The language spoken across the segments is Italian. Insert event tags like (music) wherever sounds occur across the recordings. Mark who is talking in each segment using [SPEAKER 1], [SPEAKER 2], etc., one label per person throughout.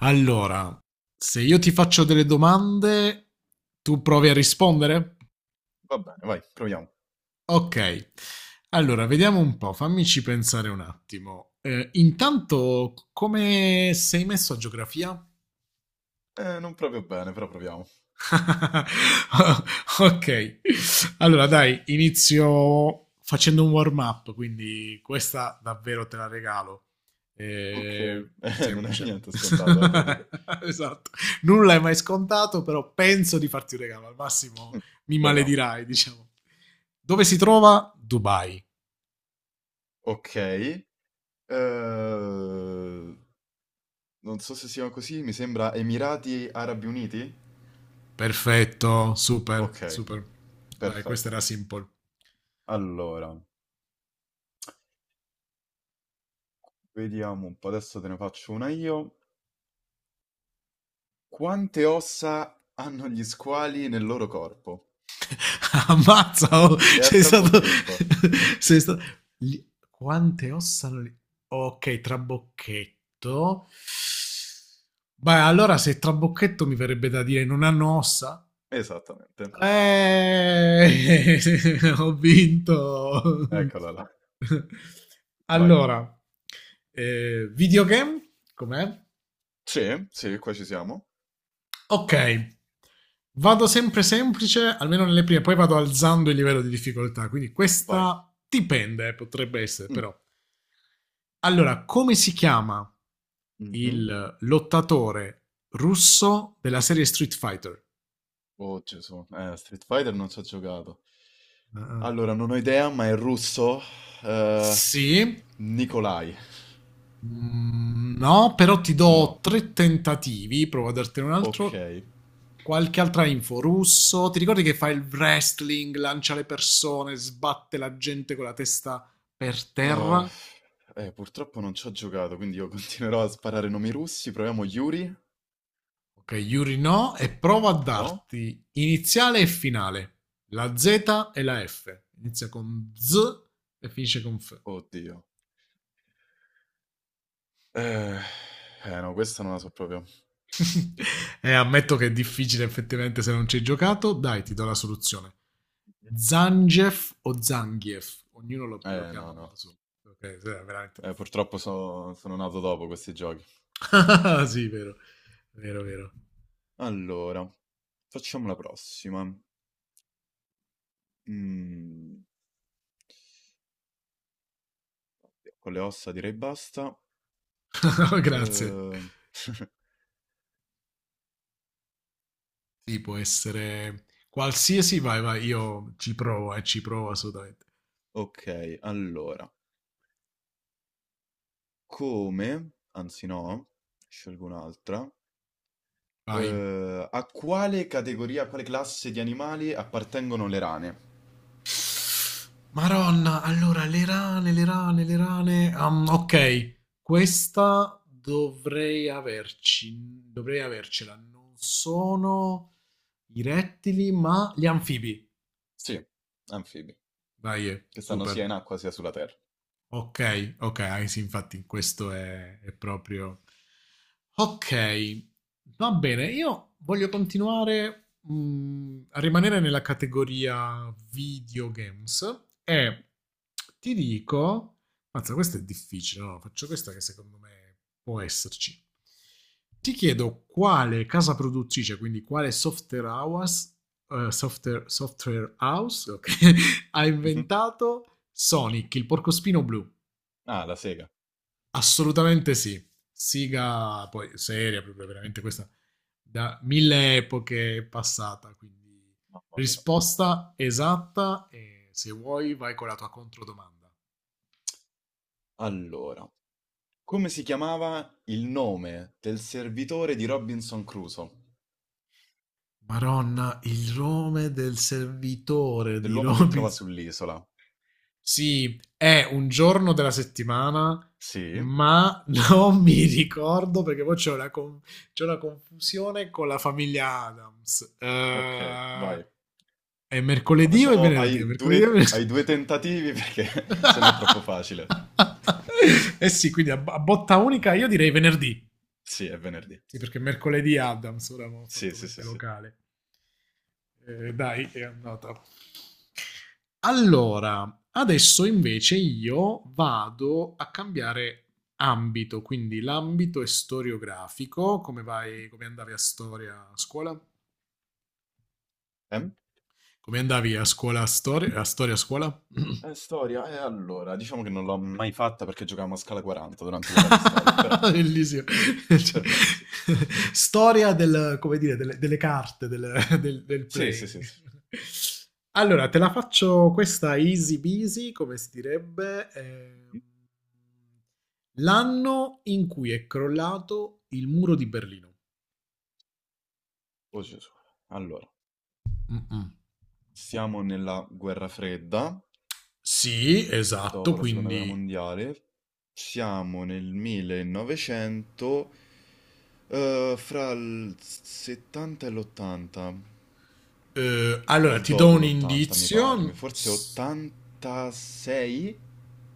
[SPEAKER 1] Allora, se io ti faccio delle domande, tu provi a rispondere?
[SPEAKER 2] Va bene, vai, proviamo.
[SPEAKER 1] Ok. Allora, vediamo un po', fammici pensare un attimo. Intanto, come sei messo a geografia?
[SPEAKER 2] Non proprio bene, però proviamo.
[SPEAKER 1] (laughs) Ok, allora dai, inizio facendo un warm up, quindi questa davvero te la regalo.
[SPEAKER 2] Ok.
[SPEAKER 1] Eh,
[SPEAKER 2] (laughs) Non è
[SPEAKER 1] Semplice.
[SPEAKER 2] niente scontato, te
[SPEAKER 1] (laughs)
[SPEAKER 2] lo dico.
[SPEAKER 1] Esatto, nulla è mai scontato, però penso di farti un regalo, al massimo
[SPEAKER 2] Mm,
[SPEAKER 1] mi
[SPEAKER 2] proviamo.
[SPEAKER 1] maledirai, diciamo. Dove si trova Dubai?
[SPEAKER 2] Ok. eh, non so se sia così, mi sembra Emirati Arabi Uniti?
[SPEAKER 1] Perfetto, super,
[SPEAKER 2] Ok,
[SPEAKER 1] super. Dai, questa
[SPEAKER 2] perfetto.
[SPEAKER 1] era simple.
[SPEAKER 2] Allora, vediamo un po', adesso te ne faccio una io. Quante ossa hanno gli squali nel loro corpo?
[SPEAKER 1] (laughs) Ammazza, oh,
[SPEAKER 2] E a
[SPEAKER 1] sei stato...
[SPEAKER 2] trabocchetto.
[SPEAKER 1] (laughs) sei stato... gli- Quante ossa... hanno lì? Ok, trabocchetto. Beh, allora se trabocchetto mi verrebbe da dire non hanno ossa.
[SPEAKER 2] Esattamente.
[SPEAKER 1] Eh, (laughs) ho vinto.
[SPEAKER 2] Eccola là.
[SPEAKER 1] (laughs)
[SPEAKER 2] Vai.
[SPEAKER 1] Allora, videogame, com'è?
[SPEAKER 2] Sì, sì, qua ci siamo.
[SPEAKER 1] Ok. Vado sempre semplice, almeno nelle prime, poi vado alzando il livello di difficoltà, quindi
[SPEAKER 2] Vai.
[SPEAKER 1] questa dipende, potrebbe essere,
[SPEAKER 2] Mm.
[SPEAKER 1] però. Allora, come si chiama
[SPEAKER 2] Mhm.
[SPEAKER 1] il lottatore russo della serie Street Fighter?
[SPEAKER 2] Oh Gesù, Street Fighter non ci ho giocato.
[SPEAKER 1] Ah,
[SPEAKER 2] Allora, non ho idea, ma è russo. Eh,
[SPEAKER 1] sì. Eh,
[SPEAKER 2] Nikolai.
[SPEAKER 1] No, però ti
[SPEAKER 2] No.
[SPEAKER 1] do tre tentativi, provo a dartene un
[SPEAKER 2] Ok.
[SPEAKER 1] altro.
[SPEAKER 2] Eh,
[SPEAKER 1] Qualche altra info. Russo, ti ricordi che fa il wrestling, lancia le persone, sbatte la gente con la testa per terra?
[SPEAKER 2] eh, purtroppo non ci ho giocato, quindi io (laughs) continuerò a sparare nomi russi. Proviamo Yuri?
[SPEAKER 1] Ok, Yuri no, e provo a
[SPEAKER 2] No?
[SPEAKER 1] darti iniziale e finale. La Z e la F. Inizia con Z e finisce con F.
[SPEAKER 2] Oddio. Eh, eh, no, questa non la so proprio.
[SPEAKER 1] (laughs) E ammetto che è difficile effettivamente se non ci hai giocato. Dai, ti do la soluzione. Zangief o Zangief? Ognuno lo chiama
[SPEAKER 2] No,
[SPEAKER 1] a modo
[SPEAKER 2] no.
[SPEAKER 1] suo. Ok, sì, è veramente difficile.
[SPEAKER 2] Purtroppo sono nato dopo questi giochi.
[SPEAKER 1] (laughs) Ah, sì, vero, vero, vero.
[SPEAKER 2] Allora, facciamo la prossima. Mm, con le ossa direi basta.
[SPEAKER 1] (laughs) Grazie.
[SPEAKER 2] Uhm, (laughs)
[SPEAKER 1] Sì, può essere qualsiasi, vai, vai, io ci provo assolutamente.
[SPEAKER 2] okay, allora, come anzi no, scelgo un'altra.
[SPEAKER 1] Vai.
[SPEAKER 2] A quale classe di animali appartengono le rane?
[SPEAKER 1] Maronna, allora, le rane. Ok, questa dovrei avercela. Non sono i rettili, ma gli anfibi.
[SPEAKER 2] Sì, anfibi,
[SPEAKER 1] Vai,
[SPEAKER 2] che stanno
[SPEAKER 1] super.
[SPEAKER 2] sia in acqua sia sulla terra.
[SPEAKER 1] Ok, ok, ah, sì, infatti questo è proprio... Ok, va bene, io voglio continuare a rimanere nella categoria videogames e ti dico... Mazza, questo è difficile, no? Faccio questa che secondo me può esserci. Ti chiedo quale casa produttrice, quindi quale software house, software house ok, (laughs) ha
[SPEAKER 2] Mh-mh.
[SPEAKER 1] inventato Sonic, il porcospino blu.
[SPEAKER 2] Ah, la sega,
[SPEAKER 1] Assolutamente sì. Siga poi seria, proprio veramente questa da mille epoche è passata, quindi
[SPEAKER 2] mamma mia.
[SPEAKER 1] risposta esatta e se vuoi vai con la tua controdomanda.
[SPEAKER 2] Allora, come si chiamava il nome del servitore di Robinson Crusoe,
[SPEAKER 1] Maronna, il nome del servitore di
[SPEAKER 2] dell'uomo che trova
[SPEAKER 1] Robinson.
[SPEAKER 2] sull'isola?
[SPEAKER 1] Sì, è un giorno della settimana
[SPEAKER 2] Sì,
[SPEAKER 1] ma non mi ricordo perché poi c'è c'è una confusione con la famiglia Adams.
[SPEAKER 2] okay, vai.
[SPEAKER 1] È
[SPEAKER 2] La
[SPEAKER 1] mercoledì o è
[SPEAKER 2] facciamo
[SPEAKER 1] venerdì? È
[SPEAKER 2] ai
[SPEAKER 1] mercoledì o è
[SPEAKER 2] due,
[SPEAKER 1] venerdì?
[SPEAKER 2] ai due tentativi perché (laughs) se no è troppo
[SPEAKER 1] (laughs)
[SPEAKER 2] facile.
[SPEAKER 1] Eh sì, quindi a botta unica io direi venerdì.
[SPEAKER 2] Sì, è venerdì.
[SPEAKER 1] Sì, perché mercoledì Adams, ora ho
[SPEAKER 2] Sì,
[SPEAKER 1] fatto
[SPEAKER 2] sì, sì,
[SPEAKER 1] mente
[SPEAKER 2] sì.
[SPEAKER 1] locale. Dai, è andata. Allora, adesso invece io vado a cambiare ambito, quindi l'ambito è storiografico. Come vai, come andavi a storia a scuola?
[SPEAKER 2] Ehm?
[SPEAKER 1] Come andavi a scuola a storia, a storia a scuola?
[SPEAKER 2] Storia, e allora, diciamo che non l'ho mai fatta perché giocavamo a scala 40 durante l'ora di storia, però,
[SPEAKER 1] (laughs) Bellissimo. Cioè,
[SPEAKER 2] perfetto.
[SPEAKER 1] (laughs) storia del, come dire, delle carte del
[SPEAKER 2] Sì, sì,
[SPEAKER 1] playing.
[SPEAKER 2] sì, sì.
[SPEAKER 1] Allora, te la faccio questa easy busy, come si direbbe. L'anno in cui è crollato il muro di Berlino.
[SPEAKER 2] Oh Gesù. Allora,
[SPEAKER 1] Mm-mm.
[SPEAKER 2] siamo nella guerra fredda,
[SPEAKER 1] Sì, esatto,
[SPEAKER 2] dopo la seconda guerra
[SPEAKER 1] quindi...
[SPEAKER 2] mondiale, siamo nel 1900, fra il 70 e l'80. O
[SPEAKER 1] Allora, ti do
[SPEAKER 2] dopo
[SPEAKER 1] un
[SPEAKER 2] l'80 mi pare,
[SPEAKER 1] indizio.
[SPEAKER 2] forse 86?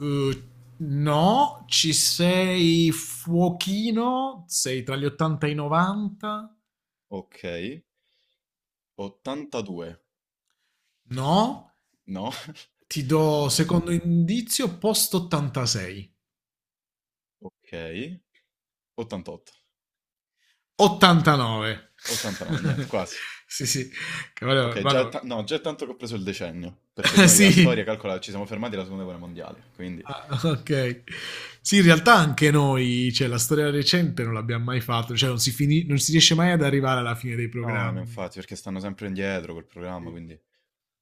[SPEAKER 1] Eh, no, ci sei fuochino, sei tra gli 80 e i 90?
[SPEAKER 2] Ok, 82,
[SPEAKER 1] No,
[SPEAKER 2] no?
[SPEAKER 1] ti
[SPEAKER 2] (laughs)
[SPEAKER 1] do
[SPEAKER 2] Mannaggia.
[SPEAKER 1] secondo indizio post 86.
[SPEAKER 2] Ok, 88,
[SPEAKER 1] 89.
[SPEAKER 2] 89, niente,
[SPEAKER 1] (laughs)
[SPEAKER 2] quasi.
[SPEAKER 1] Sì, sì. Che
[SPEAKER 2] Ok, già, no, già è tanto che ho preso il decennio, perché
[SPEAKER 1] (laughs)
[SPEAKER 2] noi a storia,
[SPEAKER 1] sì.
[SPEAKER 2] calcola, ci siamo fermati alla seconda guerra mondiale, quindi...
[SPEAKER 1] Ah, ok. Sì, in realtà anche noi, cioè la storia recente non l'abbiamo mai fatto, cioè non si, non si riesce mai ad arrivare alla fine dei
[SPEAKER 2] No, no,
[SPEAKER 1] programmi.
[SPEAKER 2] infatti, perché stanno sempre indietro col programma,
[SPEAKER 1] Sì,
[SPEAKER 2] quindi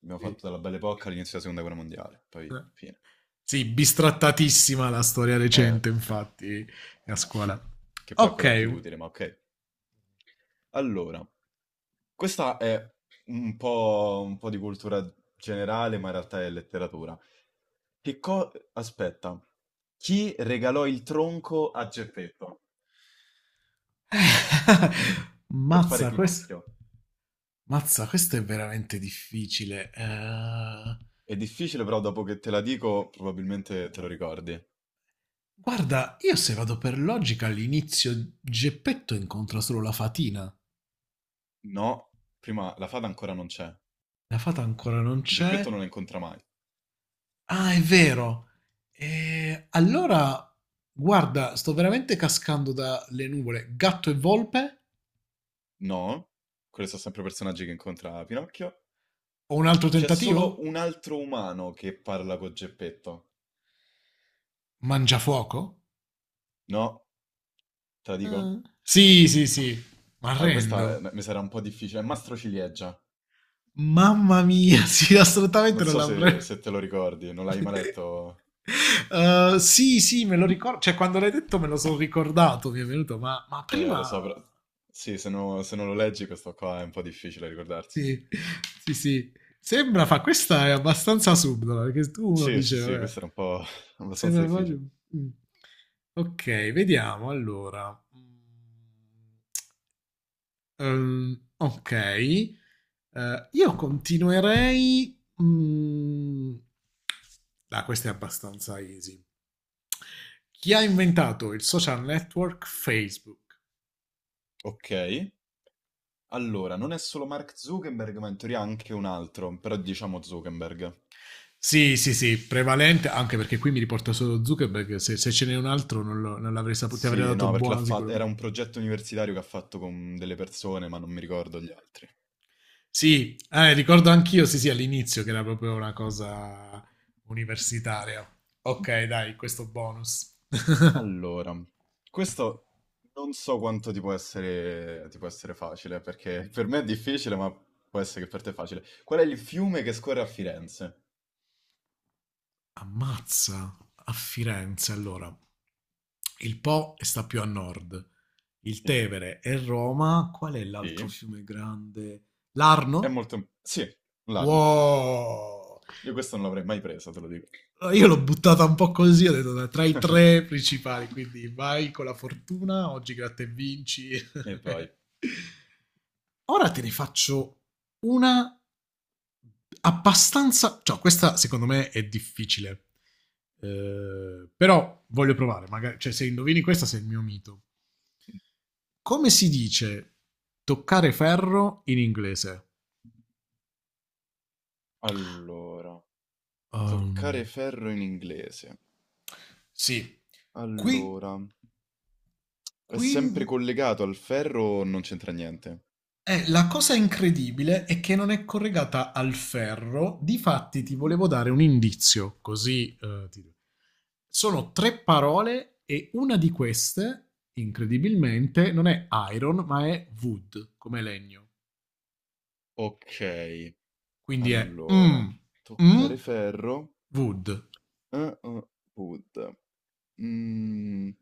[SPEAKER 2] abbiamo
[SPEAKER 1] sì.
[SPEAKER 2] fatto dalla bella epoca all'inizio della seconda guerra mondiale, poi fine.
[SPEAKER 1] Sì, bistrattatissima la storia
[SPEAKER 2] Eh,
[SPEAKER 1] recente, infatti, a scuola.
[SPEAKER 2] (laughs) che poi è quella più
[SPEAKER 1] Ok.
[SPEAKER 2] utile, ma ok. Allora, questa è un po' di cultura generale, ma in realtà è letteratura. Aspetta, chi regalò il tronco a Geppetto
[SPEAKER 1] (laughs)
[SPEAKER 2] per fare
[SPEAKER 1] Mazza, questo...
[SPEAKER 2] Pinocchio?
[SPEAKER 1] Mazza, questo è veramente difficile.
[SPEAKER 2] È difficile, però dopo che te la dico, probabilmente te lo ricordi.
[SPEAKER 1] Guarda, io se vado per logica all'inizio Geppetto incontra solo la fatina.
[SPEAKER 2] No, prima la fata ancora non c'è.
[SPEAKER 1] La fata ancora non
[SPEAKER 2] Geppetto
[SPEAKER 1] c'è.
[SPEAKER 2] non la incontra mai.
[SPEAKER 1] Ah, è vero. Allora, guarda, sto veramente cascando dalle nuvole. Gatto e volpe?
[SPEAKER 2] No, quelli sono sempre personaggi che incontra Pinocchio.
[SPEAKER 1] Ho un altro
[SPEAKER 2] C'è solo
[SPEAKER 1] tentativo?
[SPEAKER 2] un altro umano che parla con Geppetto.
[SPEAKER 1] Mangiafuoco?
[SPEAKER 2] No, te la dico?
[SPEAKER 1] Sì, sì, sì. Ma
[SPEAKER 2] Ah, questa
[SPEAKER 1] arrendo.
[SPEAKER 2] mi sarà un po' difficile. Mastro Ciliegia.
[SPEAKER 1] Mamma mia, (laughs) sì,
[SPEAKER 2] Non
[SPEAKER 1] assolutamente non
[SPEAKER 2] so
[SPEAKER 1] l'avrei.
[SPEAKER 2] se te lo ricordi, non l'hai mai
[SPEAKER 1] (laughs)
[SPEAKER 2] letto?
[SPEAKER 1] Sì, sì, me lo ricordo. Cioè, quando l'hai detto me lo sono ricordato, mi è venuto, ma
[SPEAKER 2] Lo so,
[SPEAKER 1] prima...
[SPEAKER 2] però... Sì, se non lo leggi questo qua è un po' difficile ricordarsi.
[SPEAKER 1] Sì, sì, sì. Sembra, fa, questa è abbastanza subdola, perché tu uno
[SPEAKER 2] Sì, sì,
[SPEAKER 1] dice,
[SPEAKER 2] sì,
[SPEAKER 1] vabbè,
[SPEAKER 2] questo era un po' (laughs) abbastanza
[SPEAKER 1] sembra proprio...
[SPEAKER 2] difficile.
[SPEAKER 1] Mm. Ok, vediamo, allora. Mm. Ok, eh, io continuerei. mm, Ah, questa è abbastanza easy. Chi ha inventato il social network Facebook?
[SPEAKER 2] Ok, allora, non è solo Mark Zuckerberg, ma in teoria anche un altro, però diciamo Zuckerberg.
[SPEAKER 1] Sì, sì, sì, prevalente, anche perché qui mi riporta solo Zuckerberg, se, se ce n'è un altro non l'avrei saputo, ti avrei
[SPEAKER 2] Sì,
[SPEAKER 1] dato
[SPEAKER 2] no, perché l'ha
[SPEAKER 1] buono sicuro.
[SPEAKER 2] fatto, era un progetto universitario che ha fatto con delle persone, ma non mi ricordo gli altri.
[SPEAKER 1] Sì, ricordo anch'io, sì, sì, all'inizio che era proprio una cosa universitaria. Ok, dai, questo bonus. (laughs)
[SPEAKER 2] Allora, questo non so quanto ti può essere facile, perché per me è difficile, ma può essere che per te è facile. Qual è il fiume che scorre a Firenze?
[SPEAKER 1] Ammazza! A Firenze, allora. Il Po sta più a nord, il
[SPEAKER 2] Sì,
[SPEAKER 1] Tevere è Roma, qual è l'altro
[SPEAKER 2] sì,
[SPEAKER 1] fiume grande? L'Arno?
[SPEAKER 2] sì, l'Arno.
[SPEAKER 1] Wow!
[SPEAKER 2] Io questo non l'avrei mai presa, te lo dico.
[SPEAKER 1] Allora, io l'ho buttata un po' così, ho detto "Dai, tra i tre
[SPEAKER 2] (laughs)
[SPEAKER 1] principali, quindi vai con la fortuna, oggi gratta e vinci". (laughs)
[SPEAKER 2] E poi,
[SPEAKER 1] Ora te ne faccio una abbastanza... Cioè, questa secondo me è difficile. Però voglio provare, magari, cioè se indovini questa sei il mio mito. Come si dice toccare ferro in inglese?
[SPEAKER 2] allora, toccare
[SPEAKER 1] Um,
[SPEAKER 2] ferro in inglese.
[SPEAKER 1] Sì. Qui,
[SPEAKER 2] Allora, è
[SPEAKER 1] qui.
[SPEAKER 2] sempre collegato al ferro o non c'entra niente?
[SPEAKER 1] La cosa incredibile è che non è collegata al ferro, difatti ti
[SPEAKER 2] Mm.
[SPEAKER 1] volevo dare un indizio, così sono tre parole e una di queste, incredibilmente, non è iron, ma è wood, come legno.
[SPEAKER 2] Ok,
[SPEAKER 1] Quindi è
[SPEAKER 2] allora,
[SPEAKER 1] mm, mm,
[SPEAKER 2] toccare ferro.
[SPEAKER 1] wood.
[SPEAKER 2] Ah-ah, Pud. Mhmm,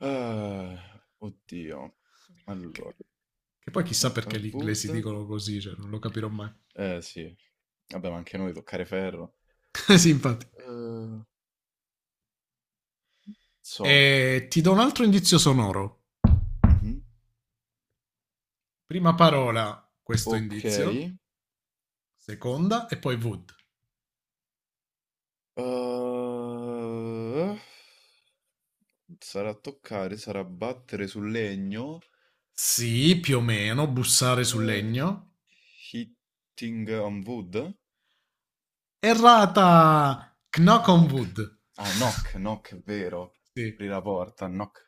[SPEAKER 2] ah, oddio.
[SPEAKER 1] Che,
[SPEAKER 2] Allora,
[SPEAKER 1] che poi chissà
[SPEAKER 2] ah-ah,
[SPEAKER 1] perché gli
[SPEAKER 2] Wood,
[SPEAKER 1] inglesi dicono così, cioè non lo capirò mai.
[SPEAKER 2] eh sì, vabbè, ma anche noi toccare ferro.
[SPEAKER 1] (laughs) Sì, infatti.
[SPEAKER 2] Uhm, so,
[SPEAKER 1] E ti do un altro indizio sonoro.
[SPEAKER 2] mh-mh,
[SPEAKER 1] Prima parola, questo indizio.
[SPEAKER 2] okay.
[SPEAKER 1] Seconda e poi wood.
[SPEAKER 2] Uhm, sarà battere sul legno,
[SPEAKER 1] Sì, più o meno, bussare sul
[SPEAKER 2] uhm,
[SPEAKER 1] legno.
[SPEAKER 2] hitting on wood?
[SPEAKER 1] Errata! Knock on
[SPEAKER 2] Ecco.
[SPEAKER 1] Wood.
[SPEAKER 2] Ah,
[SPEAKER 1] (laughs)
[SPEAKER 2] knock, knock, è vero.
[SPEAKER 1] Sì.
[SPEAKER 2] Apri la porta, knock.